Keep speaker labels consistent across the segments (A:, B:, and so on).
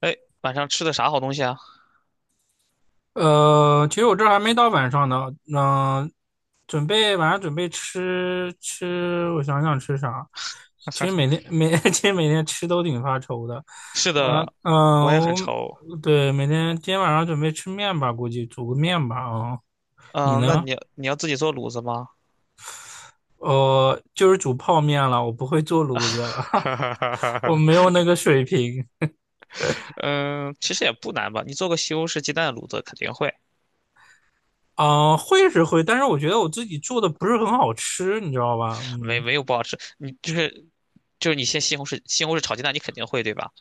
A: 哎，晚上吃的啥好东西啊？
B: 其实我这还没到晚上呢，嗯、晚上准备吃吃，我想想吃啥。其实每天每 其实每天吃都挺发愁的，
A: 是
B: 嗯、
A: 的，
B: 嗯、
A: 我也很愁。
B: 我对，今天晚上准备吃面吧，估计煮个面吧你
A: 嗯，那
B: 呢？
A: 你要自己做卤子吗？
B: 就是煮泡面了，我不会做
A: 哈
B: 炉子了，
A: 哈哈哈
B: 我没有
A: 哈
B: 那个水平。
A: 嗯，其实也不难吧，你做个西红柿鸡蛋卤子肯定会，
B: 嗯、会是会，但是我觉得我自己做的不是很好吃，你知道吧？
A: 没
B: 嗯
A: 没有不好吃。你你先西红柿炒鸡蛋，你肯定会对吧？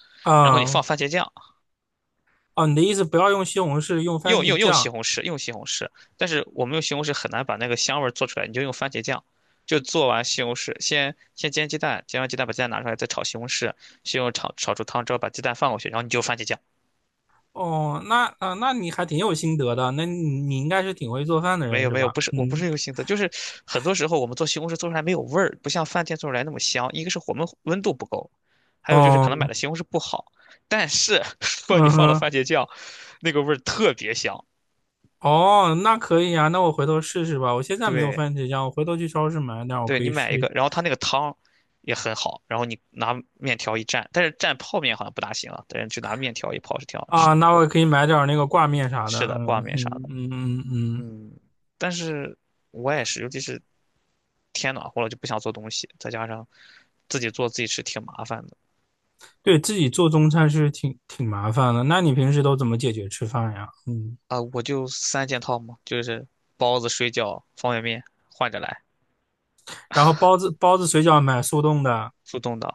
A: 然后你放
B: 啊。
A: 番茄酱。
B: 哦，你的意思不要用西红柿，用番
A: 用
B: 茄
A: 用用西
B: 酱。
A: 红柿，用西红柿，但是我们用西红柿很难把那个香味儿做出来，你就用番茄酱，就做完西红柿，先煎鸡蛋，煎完鸡蛋把鸡蛋拿出来，再炒西红柿，西红柿炒出汤之后把鸡蛋放过去，然后你就番茄酱。
B: 哦，那你还挺有心得的，那你应该是挺会做饭的
A: 没
B: 人
A: 有
B: 是
A: 没有，
B: 吧？
A: 不是我不
B: 嗯，
A: 是用心思，就是很多时候我们做西红柿做出来没有味儿，不像饭店做出来那么香。一个是我们温度不够，还有就是可能买
B: 哦，
A: 的西红柿不好，但是 如果你
B: 嗯
A: 放了
B: 哼，
A: 番茄酱，那个味儿特别香。
B: 哦，那可以啊，那我回头试试吧。我现在没有
A: 对，
B: 番茄酱，我回头去超市买点儿，我
A: 对
B: 可
A: 你
B: 以
A: 买一
B: 试
A: 个，
B: 一。
A: 然后它那个汤也很好，然后你拿面条一蘸，但是蘸泡面好像不大行啊，但是就拿面条一泡是挺好吃
B: 啊，
A: 的。
B: 那我也可以买点儿那个挂面啥的。
A: 是的，
B: 嗯
A: 挂面啥
B: 嗯
A: 的，
B: 嗯嗯嗯，
A: 嗯，但是我也是，尤其是天暖和了就不想做东西，再加上自己做自己吃挺麻烦的
B: 对自己做中餐是挺麻烦的。那你平时都怎么解决吃饭呀？嗯，
A: 啊，我就三件套嘛，就是包子、水饺、方便面换着来，
B: 然后包子水饺买速冻的。
A: 速冻的，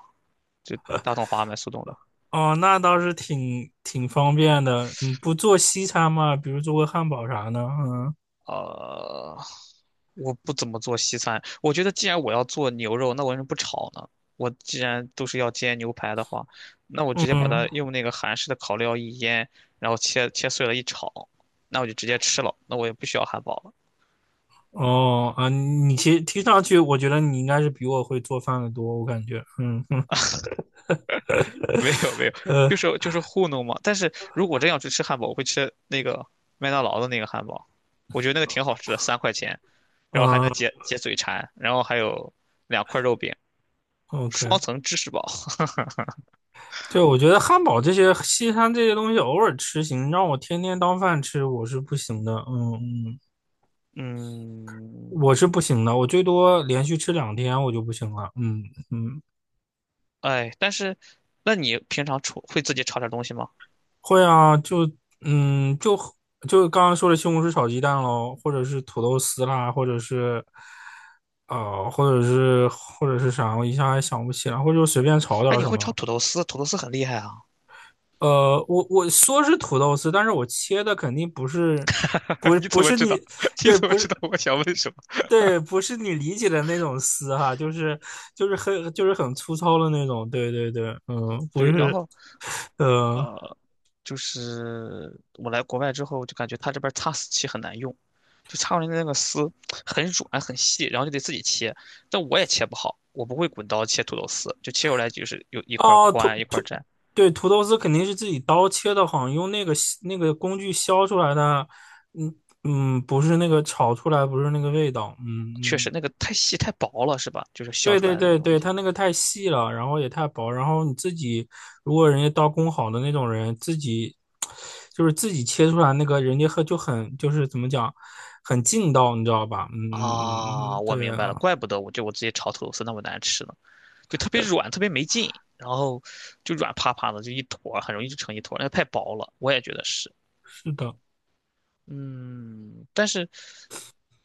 A: 就大统华买速冻的。
B: 哦，那倒是挺方便的。你不做西餐吗？比如做个汉堡啥的？嗯
A: 呃，我不怎么做西餐。我觉得既然我要做牛肉，那我为什么不炒呢？我既然都是要煎牛排的话，那我直接把它
B: 嗯，
A: 用那个韩式的烤料一腌，然后切切碎了一炒，那我就直接吃了，那我也不需要汉堡了。
B: 哦啊，你其实听上去，我觉得你应该是比我会做饭的多，我感觉。嗯嗯
A: 没有没有，就
B: 呃
A: 是就是糊弄嘛。但是如果真要去吃汉堡，我会吃那个麦当劳的那个汉堡，我觉得那个挺好吃的，3块钱，然后还能
B: 嗯
A: 解解嘴馋，然后还有2块肉饼，双
B: ，OK。
A: 层芝士堡。
B: 对，我觉得汉堡这些西餐这些东西偶尔吃行，让我天天当饭吃我是不行的。嗯嗯，我
A: 嗯，
B: 是不行的，我最多连续吃2天我就不行了。嗯嗯。
A: 哎，但是，那你平常炒会自己炒点东西吗？
B: 会啊，就嗯，就就刚刚说的西红柿炒鸡蛋喽，或者是土豆丝啦，或者是啥，我一下还想不起来，或者就随便炒点
A: 哎，
B: 儿
A: 你
B: 什
A: 会炒
B: 么。
A: 土豆丝，土豆丝很厉害啊。
B: 我说是土豆丝，但是我切的肯定不是，不 是
A: 你怎
B: 不
A: 么
B: 是
A: 知道？
B: 你，
A: 你
B: 对，
A: 怎么
B: 不
A: 知
B: 是
A: 道我想问什么？
B: 对，不是你理解的那种丝哈，就是就是很就是很粗糙的那种，对对对，嗯，不
A: 对，然
B: 是，
A: 后
B: 呃
A: 呃，就是我来国外之后，就感觉他这边儿擦丝器很难用，就擦出来的那个丝很软很细，然后就得自己切，但我也切不好，我不会滚刀切土豆丝，就切出来就是有一块儿
B: 哦，
A: 宽一块儿窄，
B: 对，土豆丝肯定是自己刀切的，好像用那个削那个工具削出来的，嗯嗯，不是那个炒出来，不是那个味道，嗯
A: 确实
B: 嗯，
A: 那个太细太薄了，是吧？就是削
B: 对
A: 出来
B: 对
A: 的那个
B: 对
A: 东
B: 对，
A: 西。
B: 它那个太细了，然后也太薄，然后你自己如果人家刀工好的那种人，自己就是自己切出来那个，人家很怎么讲，很劲道，你知道吧？嗯嗯嗯
A: 啊，
B: 嗯，
A: 我
B: 对
A: 明白了，
B: 啊，
A: 怪不得我就我直接炒土豆丝那么难吃呢，就特别软，特别没劲，然后就软趴趴的，就一坨儿很容易就成一坨儿那太薄了，我也觉得是。
B: 是的。
A: 嗯，但是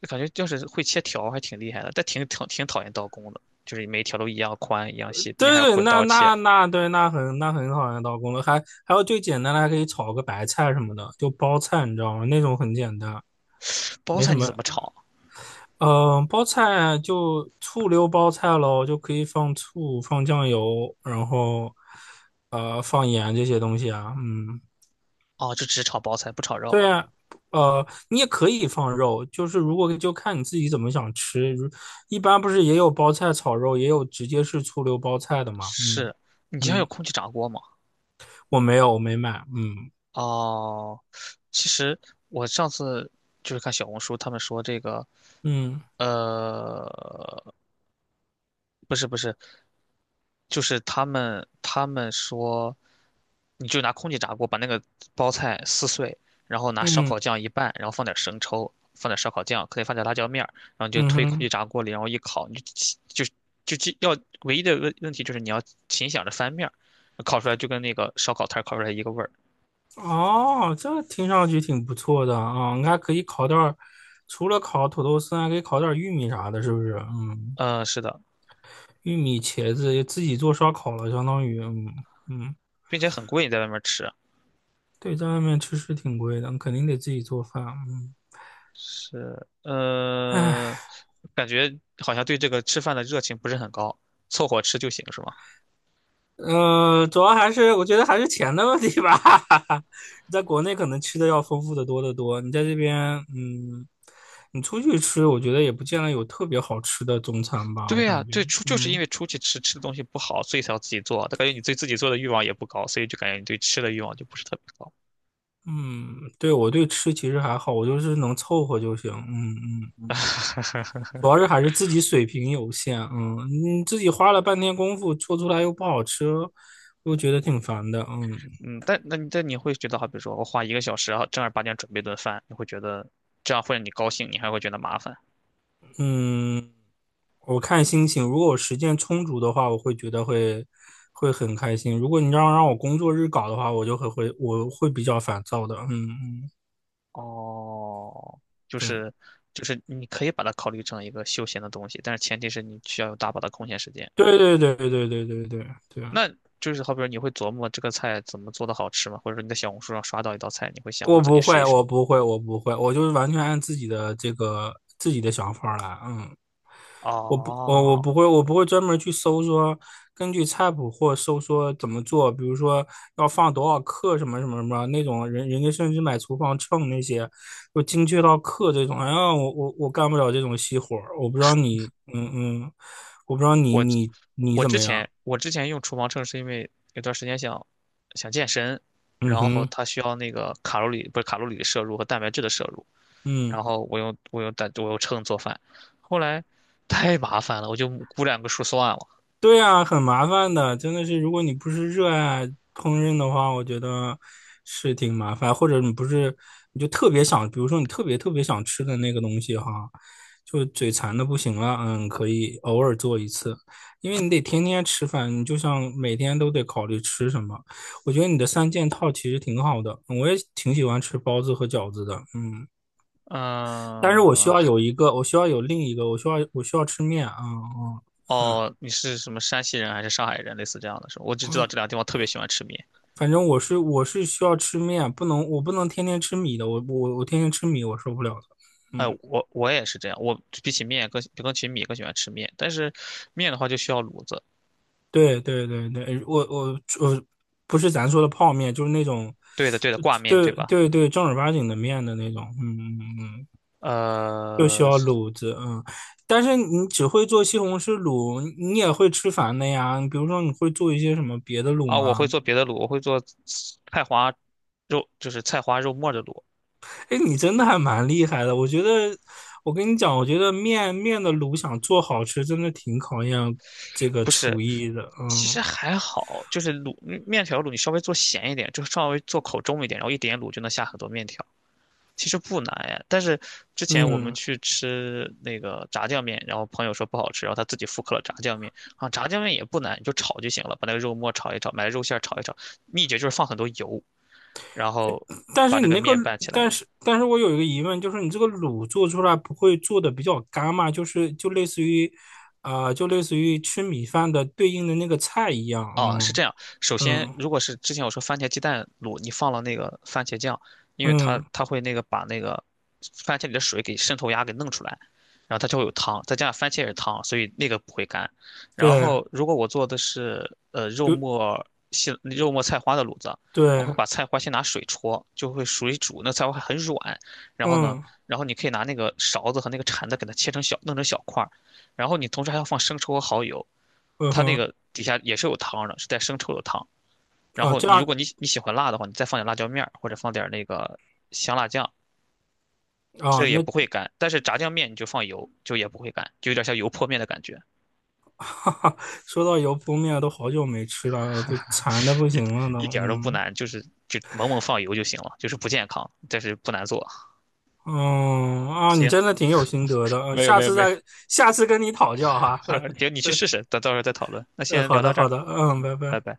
A: 就感觉就是会切条儿还挺厉害的，但挺讨厌刀工的，就是每一条都一样宽一样
B: 对
A: 细，并且还要
B: 对对，
A: 滚
B: 那
A: 刀切。
B: 那那对，那很好的刀工了，还有最简单的，还可以炒个白菜什么的，就包菜，你知道吗？那种很简单，
A: 包
B: 没
A: 菜
B: 什
A: 你怎
B: 么。
A: 么炒？
B: 嗯、包菜就醋溜包菜喽，就可以放醋、放酱油，然后放盐这些东西啊。嗯，
A: 哦，就只炒包菜不炒肉。
B: 对啊，你也可以放肉，就是如果就看你自己怎么想吃。一般不是也有包菜炒肉，也有直接是醋溜包菜的嘛。嗯
A: 是，你家有
B: 嗯。
A: 空气炸锅吗？
B: 我没有，我没买。嗯
A: 哦，其实我上次就是看小红书，他们说这个
B: 嗯
A: 呃，不是不是，就是他们说，你就拿空气炸锅把那个包菜撕碎，然后拿烧
B: 嗯
A: 烤酱一拌，然后放点生抽，放点烧烤酱，可以放点辣椒面儿，然后你就
B: 嗯
A: 推空气
B: 哼，
A: 炸锅里，然后一烤，你就起就就记要唯一的问题就是你要勤想着翻面儿，烤出来就跟那个烧烤摊儿烤出来一个味儿。
B: 哦，这听上去挺不错的啊，你可以烤点儿，除了烤土豆丝，还可以烤点儿玉米啥的，是不是？嗯，
A: 嗯、是的，
B: 玉米、茄子自己做烧烤了，相当于，嗯嗯，
A: 并且很贵，你在外面吃。
B: 对，在外面吃是挺贵的，肯定得自己做饭。嗯，
A: 是，
B: 唉。
A: 呃，感觉好像对这个吃饭的热情不是很高，凑合吃就行，是吗？
B: 嗯，主要还是我觉得还是钱的问题吧。在国内可能吃的要丰富的多得多，你在这边，嗯，你出去吃，我觉得也不见得有特别好吃的中餐吧，我
A: 对呀，
B: 感觉，
A: 对，出就是因
B: 嗯
A: 为出去吃吃的东西不好，所以才要自己做。他感觉你对自己做的欲望也不高，所以就感觉你对吃的欲望就不是特别高。
B: 嗯，对我对吃其实还好，我就是能凑合就行，嗯嗯，主要是还是自己水平有限，嗯，你自己花了半天功夫做出来又不好吃，又觉得挺烦的，嗯
A: 嗯，但那你但你会觉得，好比说我花1个小时啊，然后正儿八经准备顿饭，你会觉得这样会让你高兴，你还会觉得麻烦。
B: 嗯。我看心情，如果我时间充足的话，我会觉得会很开心。如果你让我工作日搞的话，我就会会我会比较烦躁的。嗯嗯，
A: 哦，就
B: 对
A: 是就是你可以把它考虑成一个休闲的东西，但是前提是你需要有大把的空闲时间。
B: 对对对对对对对对，对，
A: 那就是好比说你会琢磨这个菜怎么做的好吃吗？或者说你在小红书上刷到一道菜，你会想我
B: 我
A: 自己
B: 不
A: 试一
B: 会，
A: 试。
B: 我不会，我不会，我就是完全按自己的这个自己的想法来。嗯我
A: 哦，
B: 不会，我不会专门去搜说根据菜谱或搜说怎么做，比如说要放多少克什么什么什么那种人，人家甚至买厨房秤那些，就精确到克这种。哎呀，我干不了这种细活儿，我不知道你，嗯嗯，我不知道你
A: 我
B: 你你
A: 我
B: 怎
A: 之
B: 么样，
A: 前我之前用厨房秤是因为有段时间想健身，
B: 嗯
A: 然后
B: 哼，
A: 它需要那个卡路里不是卡路里的摄入和蛋白质的摄入，
B: 嗯。
A: 然后我用秤做饭，后来太麻烦了，我就估两个数算了。
B: 对啊，很麻烦的，真的是，如果你不是热爱烹饪的话，我觉得是挺麻烦，或者你不是，你就特别想，比如说你特别特别想吃的那个东西哈，就嘴馋的不行了，嗯，可以偶尔做一次，因为你得天天吃饭，你就像每天都得考虑吃什么。我觉得你的三件套其实挺好的，我也挺喜欢吃包子和饺子的，嗯，但是我需
A: 嗯，
B: 要有一个，我需要有另一个，我需要吃面啊，嗯
A: 哦，你是什么山西人还是上海人？类似这样的是吧？我只知道这两个地方特别喜欢吃面。
B: 反正我是需要吃面，不能我不能天天吃米的，我天天吃米我受不了的。
A: 哎，
B: 嗯，
A: 我也是这样，我比起面更起米更喜欢吃面，但是面的话就需要卤子。
B: 对对对对，我不是咱说的泡面，就是那种，
A: 对的，对的，
B: 就
A: 挂面
B: 对
A: 对吧？
B: 对对正儿八经的面的那种。嗯嗯嗯，就需
A: 呃，
B: 要卤子。嗯，但是你只会做西红柿卤，你也会吃烦的呀。比如说你会做一些什么别的卤
A: 啊，我会
B: 吗？
A: 做别的卤，我会做菜花肉，就是菜花肉末的卤，
B: 哎，你真的还蛮厉害的。我觉得，我跟你讲，我觉得面的卤想做好吃，真的挺考验这个
A: 不是，
B: 厨艺的。
A: 其
B: 嗯
A: 实还好，就是卤面条卤，你稍微做咸一点，就稍微做口重一点，然后一点卤就能下很多面条。其实不难哎，但是之前我们
B: 嗯，
A: 去吃那个炸酱面，然后朋友说不好吃，然后他自己复刻了炸酱面啊，炸酱面也不难，你就炒就行了，把那个肉末炒一炒，买肉馅儿炒一炒，秘诀就是放很多油，然后
B: 但
A: 把
B: 是
A: 那
B: 你
A: 个
B: 那个，
A: 面拌起来，
B: 但是但是我有一个疑问，就是你这个卤做出来不会做的比较干嘛？就是就类似于，啊、就类似于吃米饭的对应的那个菜一样。
A: 哦，是这
B: 嗯
A: 样。首先，
B: 嗯
A: 如果是之前我说番茄鸡蛋卤，你放了那个番茄酱，因为它
B: 嗯，
A: 它会那个把番茄里的水给渗透压给弄出来，然后它就会有汤，再加上番茄也是汤，所以那个不会干。然
B: 对，
A: 后，如果我做的是肉
B: 比如
A: 末肉末菜花的卤子，我会
B: 对，
A: 把菜花先拿水焯，就会水煮，那菜花还很软。然后呢，
B: 嗯
A: 然后你可以拿那个勺子和那个铲子给它切成小，弄成小块儿，然后你同时还要放生抽和蚝油，
B: 嗯
A: 它那
B: 哼，
A: 个底下也是有汤的，是带生抽的汤。然
B: 啊
A: 后
B: 这
A: 你如
B: 样
A: 果你你喜欢辣的话，你再放点辣椒面儿或者放点那个香辣酱，
B: 啊
A: 这也
B: 那
A: 不会干。但是炸酱面你就放油，就也不会干，就有点像油泼面的感觉，
B: 哈哈，说到油泼面，都好久没吃了，都馋的不行了都。
A: 一点儿都不
B: 嗯
A: 难，就是就猛猛放油就行了，就是不健康，但是不难做。
B: 嗯啊，你
A: 行，
B: 真的挺有心得的，
A: 没有没有没有，
B: 下次跟你讨教哈。
A: 行，你去试试，等到时候再讨论。那先
B: 好
A: 聊到
B: 的
A: 这
B: 好
A: 儿，
B: 的，嗯，拜
A: 拜
B: 拜。
A: 拜。